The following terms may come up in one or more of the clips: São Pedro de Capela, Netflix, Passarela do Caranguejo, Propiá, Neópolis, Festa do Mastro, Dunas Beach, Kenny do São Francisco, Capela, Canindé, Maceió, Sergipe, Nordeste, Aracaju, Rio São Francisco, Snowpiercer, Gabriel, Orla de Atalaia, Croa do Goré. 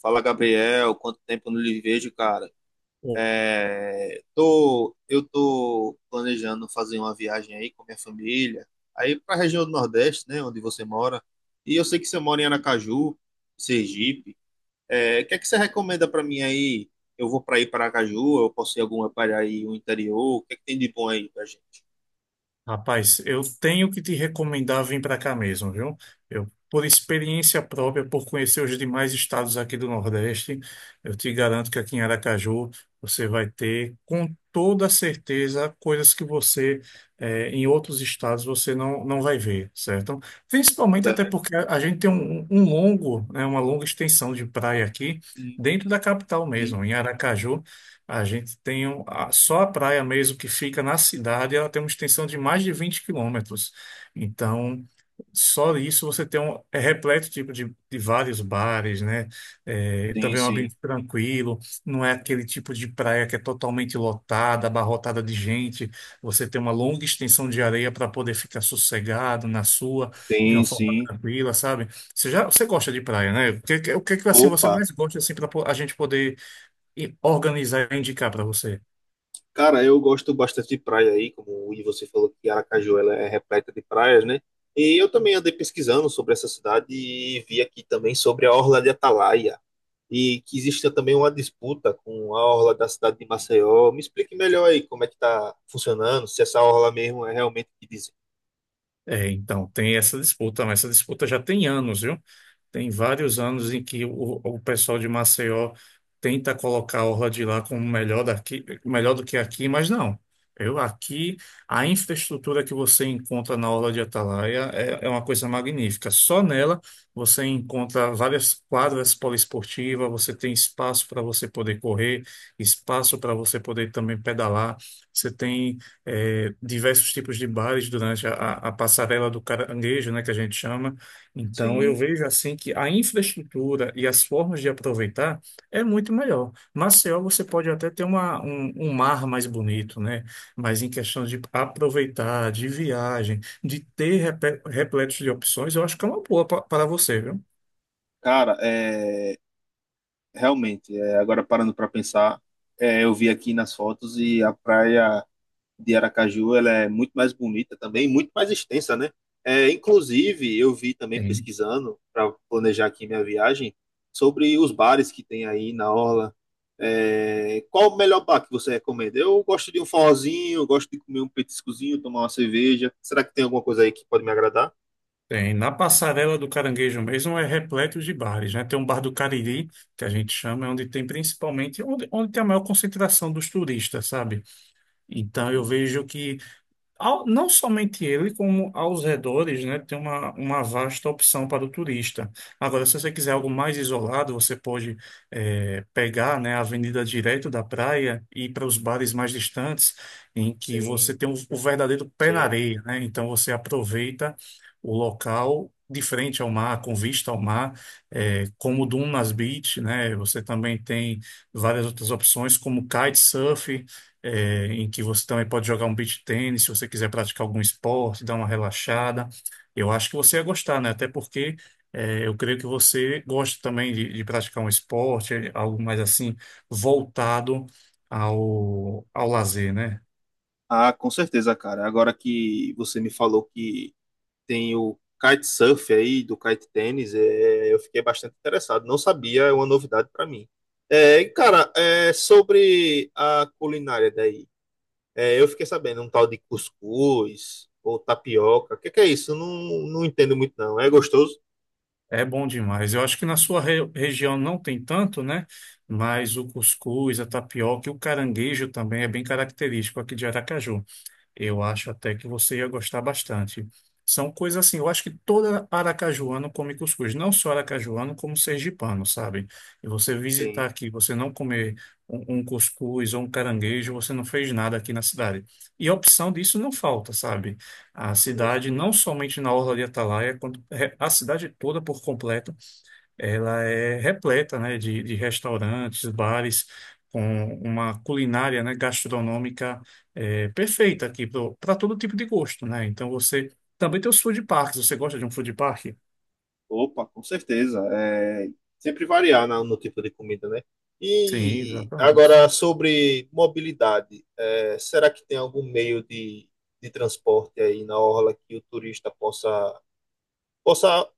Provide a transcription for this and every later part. Fala, Gabriel. Quanto tempo eu não lhe vejo, cara? Ô, Eu tô planejando fazer uma viagem aí com minha família, aí para a região do Nordeste, né, onde você mora. E eu sei que você mora em Aracaju, Sergipe. O que é que você recomenda para mim aí? Eu vou para ir para Aracaju, eu posso ir alguma para aí o interior? O que é que tem de bom aí pra gente? rapaz, eu tenho que te recomendar vir para cá mesmo, viu? Eu, por experiência própria, por conhecer os demais estados aqui do Nordeste, eu te garanto que aqui em Aracaju você vai ter, com toda certeza, coisas que você, em outros estados, você não vai ver, certo? Principalmente até Certo? porque a gente tem um longo, né, uma longa extensão de praia aqui, Sim, dentro da capital sim, mesmo, em Aracaju. A gente tem só a praia mesmo que fica na cidade, ela tem uma extensão de mais de 20 quilômetros. Então, só isso você tem um é repleto tipo de vários bares, né? É, sim, também é um sim, ambiente tranquilo, não é aquele tipo de praia que é totalmente lotada, abarrotada de gente. Você tem uma longa extensão de areia para poder ficar sossegado na sua, de uma sim. forma Sim. tranquila, sabe? Você gosta de praia, né? O que que, assim você Opa! mais gosta assim para a gente poder e organizar e indicar para você. Cara, eu gosto bastante de praia aí, como e você falou que Aracaju ela é repleta de praias, né? E eu também andei pesquisando sobre essa cidade e vi aqui também sobre a Orla de Atalaia e que existe também uma disputa com a Orla da cidade de Maceió. Me explique melhor aí como é que tá funcionando, se essa Orla mesmo é realmente o que dizem. É, então, tem essa disputa, mas essa disputa já tem anos, viu? Tem vários anos em que o pessoal de Maceió tenta colocar a Orla de lá como melhor daqui, melhor do que aqui, mas não. Eu aqui, a infraestrutura que você encontra na Orla de Atalaia é uma coisa magnífica. Só nela você encontra várias quadras poliesportivas, você tem espaço para você poder correr, espaço para você poder também pedalar. Você tem é, diversos tipos de bares durante a passarela do caranguejo, né, que a gente chama. Então, eu Sim, vejo assim que a infraestrutura e as formas de aproveitar é muito melhor. Maceió, você pode até ter um mar mais bonito, né? Mas em questão de aproveitar, de viagem, de ter repletos de opções, eu acho que é uma boa para você, viu? cara, é realmente, agora parando para pensar, eu vi aqui nas fotos e a praia de Aracaju ela é muito mais bonita também, muito mais extensa, né? É, inclusive, eu vi também pesquisando para planejar aqui minha viagem sobre os bares que tem aí na orla. Qual o melhor bar que você recomenda? Eu gosto de um forrozinho, eu gosto de comer um petiscozinho, tomar uma cerveja. Será que tem alguma coisa aí que pode me agradar? Tem. Na passarela do Caranguejo mesmo é repleto de bares, né? Tem um bar do Cariri, que a gente chama, é onde tem principalmente, onde tem a maior concentração dos turistas, sabe? Então eu Sim, vejo que não somente ele, como aos redores, né, tem uma vasta opção para o turista. Agora, se você quiser algo mais isolado, você pode pegar, né, a avenida direto da praia e ir para os bares mais distantes, em que você sim, tem o verdadeiro pé na sim. areia, né? Então, você aproveita o local de frente ao mar, com vista ao mar, como o Dunas Beach, né? Você também tem várias outras opções, como kitesurf, em que você também pode jogar um beach tênis, se você quiser praticar algum esporte, dar uma relaxada. Eu acho que você ia gostar, né? Até porque eu creio que você gosta também de praticar um esporte, algo mais assim, voltado ao lazer, né? Ah, com certeza, cara. Agora que você me falou que tem o kitesurf aí, do kite tênis, eu fiquei bastante interessado. Não sabia, é uma novidade para mim. Cara, sobre a culinária daí, eu fiquei sabendo um tal de cuscuz ou tapioca. O que, que é isso? Eu não, não entendo muito, não. É gostoso? É bom demais. Eu acho que na sua região não tem tanto, né? Mas o cuscuz, a tapioca e o caranguejo também é bem característico aqui de Aracaju. Eu acho até que você ia gostar bastante. São coisas assim, eu acho que toda aracajuano come cuscuz, não só aracajuano, como sergipano, sabe? E você visitar Sim, aqui, você não comer um cuscuz ou um caranguejo, você não fez nada aqui na cidade. E a opção disso não falta, sabe? A sim, cidade, sim. não somente na Orla de Atalaia, quanto- é, a cidade toda por completo, ela é repleta, né, de restaurantes, bares, com uma culinária, né, gastronômica perfeita aqui para todo tipo de gosto, né? Então você também tem os food parks. Você gosta de um food park? Opa, com certeza. É, sempre variar no tipo de comida, né? Sim, E exatamente. agora sobre mobilidade, será que tem algum meio de transporte aí na orla que o turista possa, possa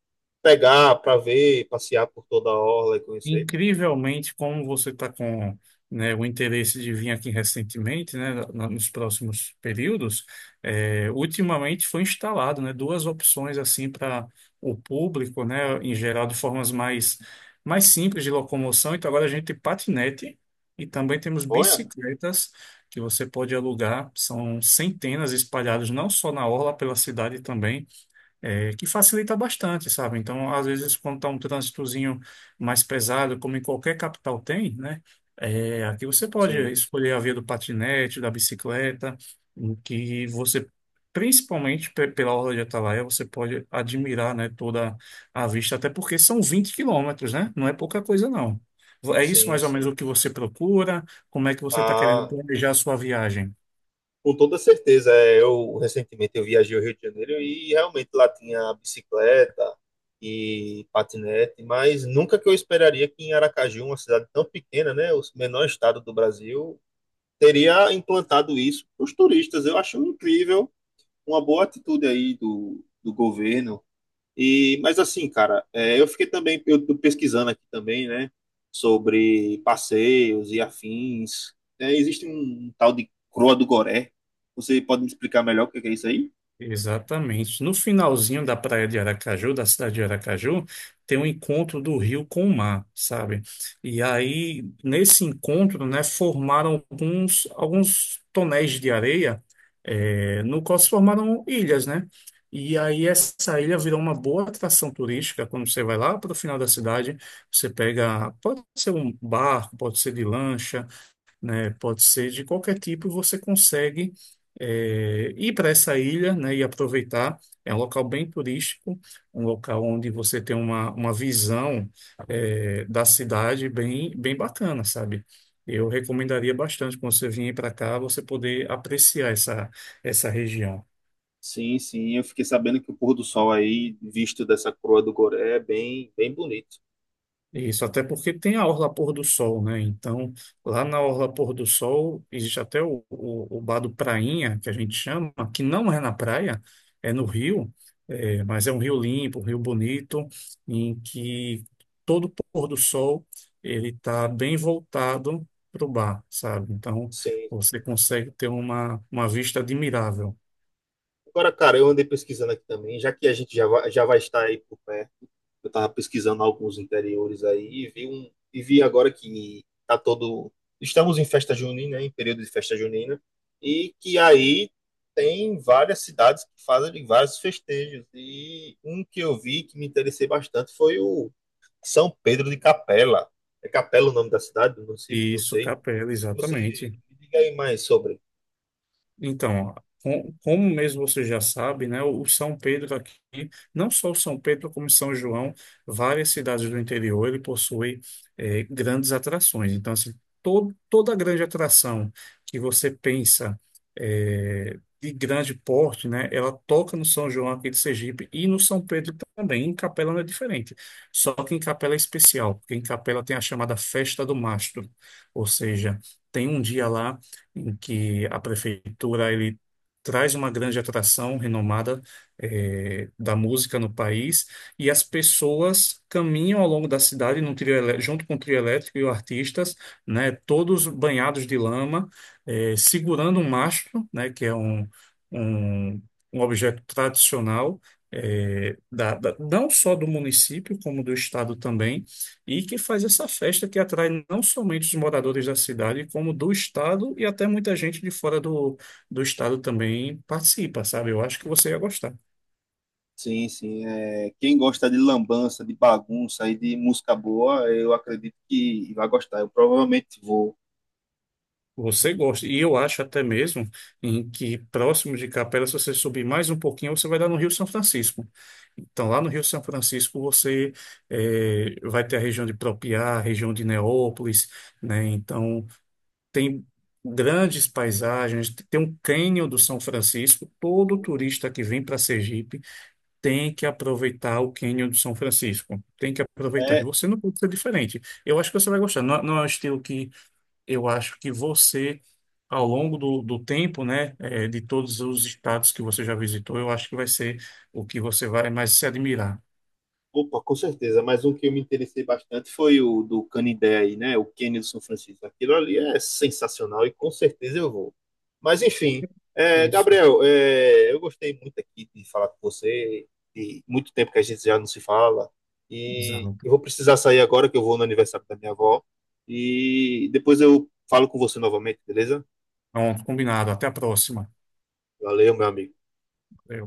pegar para ver, passear por toda a orla e conhecer? Incrivelmente, como você está com, né, o interesse de vir aqui recentemente, né, nos próximos períodos, ultimamente foi instalado, né, duas opções assim para o público, né, em geral de formas mais simples de locomoção. Então agora a gente tem patinete e também temos Olha. bicicletas que você pode alugar. São centenas espalhadas não só na orla pela cidade também que facilita bastante, sabe? Então, às vezes, quando está um trânsitozinho mais pesado, como em qualquer capital tem, né? É, aqui você pode Sim, escolher a via do patinete, da bicicleta, em que você, principalmente pela Orla de Atalaia, você pode admirar, né, toda a vista, até porque são 20 quilômetros, né? Não é pouca coisa, não. É isso sim, mais ou menos sim. o que você procura? Como é que você está querendo Ah, planejar a sua viagem? com toda certeza, é, eu recentemente eu viajei ao Rio de Janeiro e realmente lá tinha bicicleta e patinete, mas nunca que eu esperaria que em Aracaju, uma cidade tão pequena, né, o menor estado do Brasil, teria implantado isso para os turistas. Eu acho incrível, uma boa atitude aí do governo, e, mas assim, cara, é, eu fiquei também, eu tô pesquisando aqui também, né, sobre passeios e afins. Existe um tal de Croa do Goré. Você pode me explicar melhor o que que é isso aí? Exatamente. No finalzinho da praia de Aracaju, da cidade de Aracaju, tem um encontro do rio com o mar, sabe? E aí, nesse encontro, né, formaram alguns tonéis de areia, no qual se formaram ilhas, né? E aí, essa ilha virou uma boa atração turística quando você vai lá para o final da cidade. Você pega, pode ser um barco, pode ser de lancha, né? Pode ser de qualquer tipo, você consegue ir para essa ilha, né, e aproveitar. É um local bem turístico, um local onde você tem uma visão da cidade bem, bem bacana, sabe? Eu recomendaria bastante quando você vier para cá, você poder apreciar essa região. Sim, sim, eu fiquei sabendo que o pôr do sol aí, visto dessa Croa do Goré, é bem, bem bonito. Isso, até porque tem a Orla Pôr do Sol, né? Então, lá na Orla Pôr do Sol, existe até o bar do Prainha, que a gente chama, que não é na praia, é no rio, mas é um rio limpo, um rio bonito, em que todo pôr do sol ele está bem voltado para o bar, sabe? Então, Sim. você consegue ter uma vista admirável. Agora, cara, eu andei pesquisando aqui também, já que a gente já vai estar aí por perto. Eu estava pesquisando alguns interiores aí e vi um e vi agora que tá todo estamos em festa junina, em período de festa junina, e que aí tem várias cidades que fazem vários festejos. E um que eu vi que me interessei bastante foi o São Pedro de Capela. É Capela o nome da cidade, do município, não Isso, sei. Capela, Você me exatamente. diga aí mais sobre. Então, como mesmo você já sabe, né, o São Pedro aqui, não só o São Pedro, como São João, várias cidades do interior, ele possui grandes atrações. Então, assim, todo, toda grande atração que você pensa de grande porte, né, ela toca no São João aqui de Sergipe e no São Pedro também. Em Capela não é diferente, só que em Capela é especial, porque em Capela tem a chamada Festa do Mastro, ou seja, tem um dia lá em que a prefeitura ele traz uma grande atração renomada da música no país e as pessoas caminham ao longo da cidade num junto com o trio elétrico e os artistas, né, todos banhados de lama, segurando um mastro, né, que é um, um objeto tradicional não só do município como do estado também e que faz essa festa que atrai não somente os moradores da cidade, como do estado e até muita gente de fora do estado também participa, sabe? Eu acho que você ia gostar. Sim, sim. É, quem gosta de lambança, de bagunça e de música boa, eu acredito que vai gostar. Eu provavelmente vou. Você gosta. E eu acho até mesmo em que próximo de Capela, se você subir mais um pouquinho, você vai dar no Rio São Francisco. Então, lá no Rio São Francisco, você vai ter a região de Propiá, a região de Neópolis, né? Então, tem grandes paisagens, tem um cânion do São Francisco. Todo turista que vem para Sergipe tem que aproveitar o cânion do São Francisco. Tem que aproveitar. E É, você não pode ser diferente. Eu acho que você vai gostar. Não, não é um estilo que eu acho que você, ao longo do tempo, né, de todos os estados que você já visitou, eu acho que vai ser o que você vai mais se admirar. opa, com certeza. Mas um que eu me interessei bastante foi o do Canindé aí, né? O Kenny do São Francisco. Aquilo ali é sensacional e com certeza eu vou. Mas enfim, É isso, Gabriel, eu gostei muito aqui de falar com você. E muito tempo que a gente já não se fala. E exato. eu vou precisar sair agora que eu vou no aniversário da minha avó. E depois eu falo com você novamente, beleza? Pronto, combinado. Até a próxima. Valeu, meu amigo. Valeu.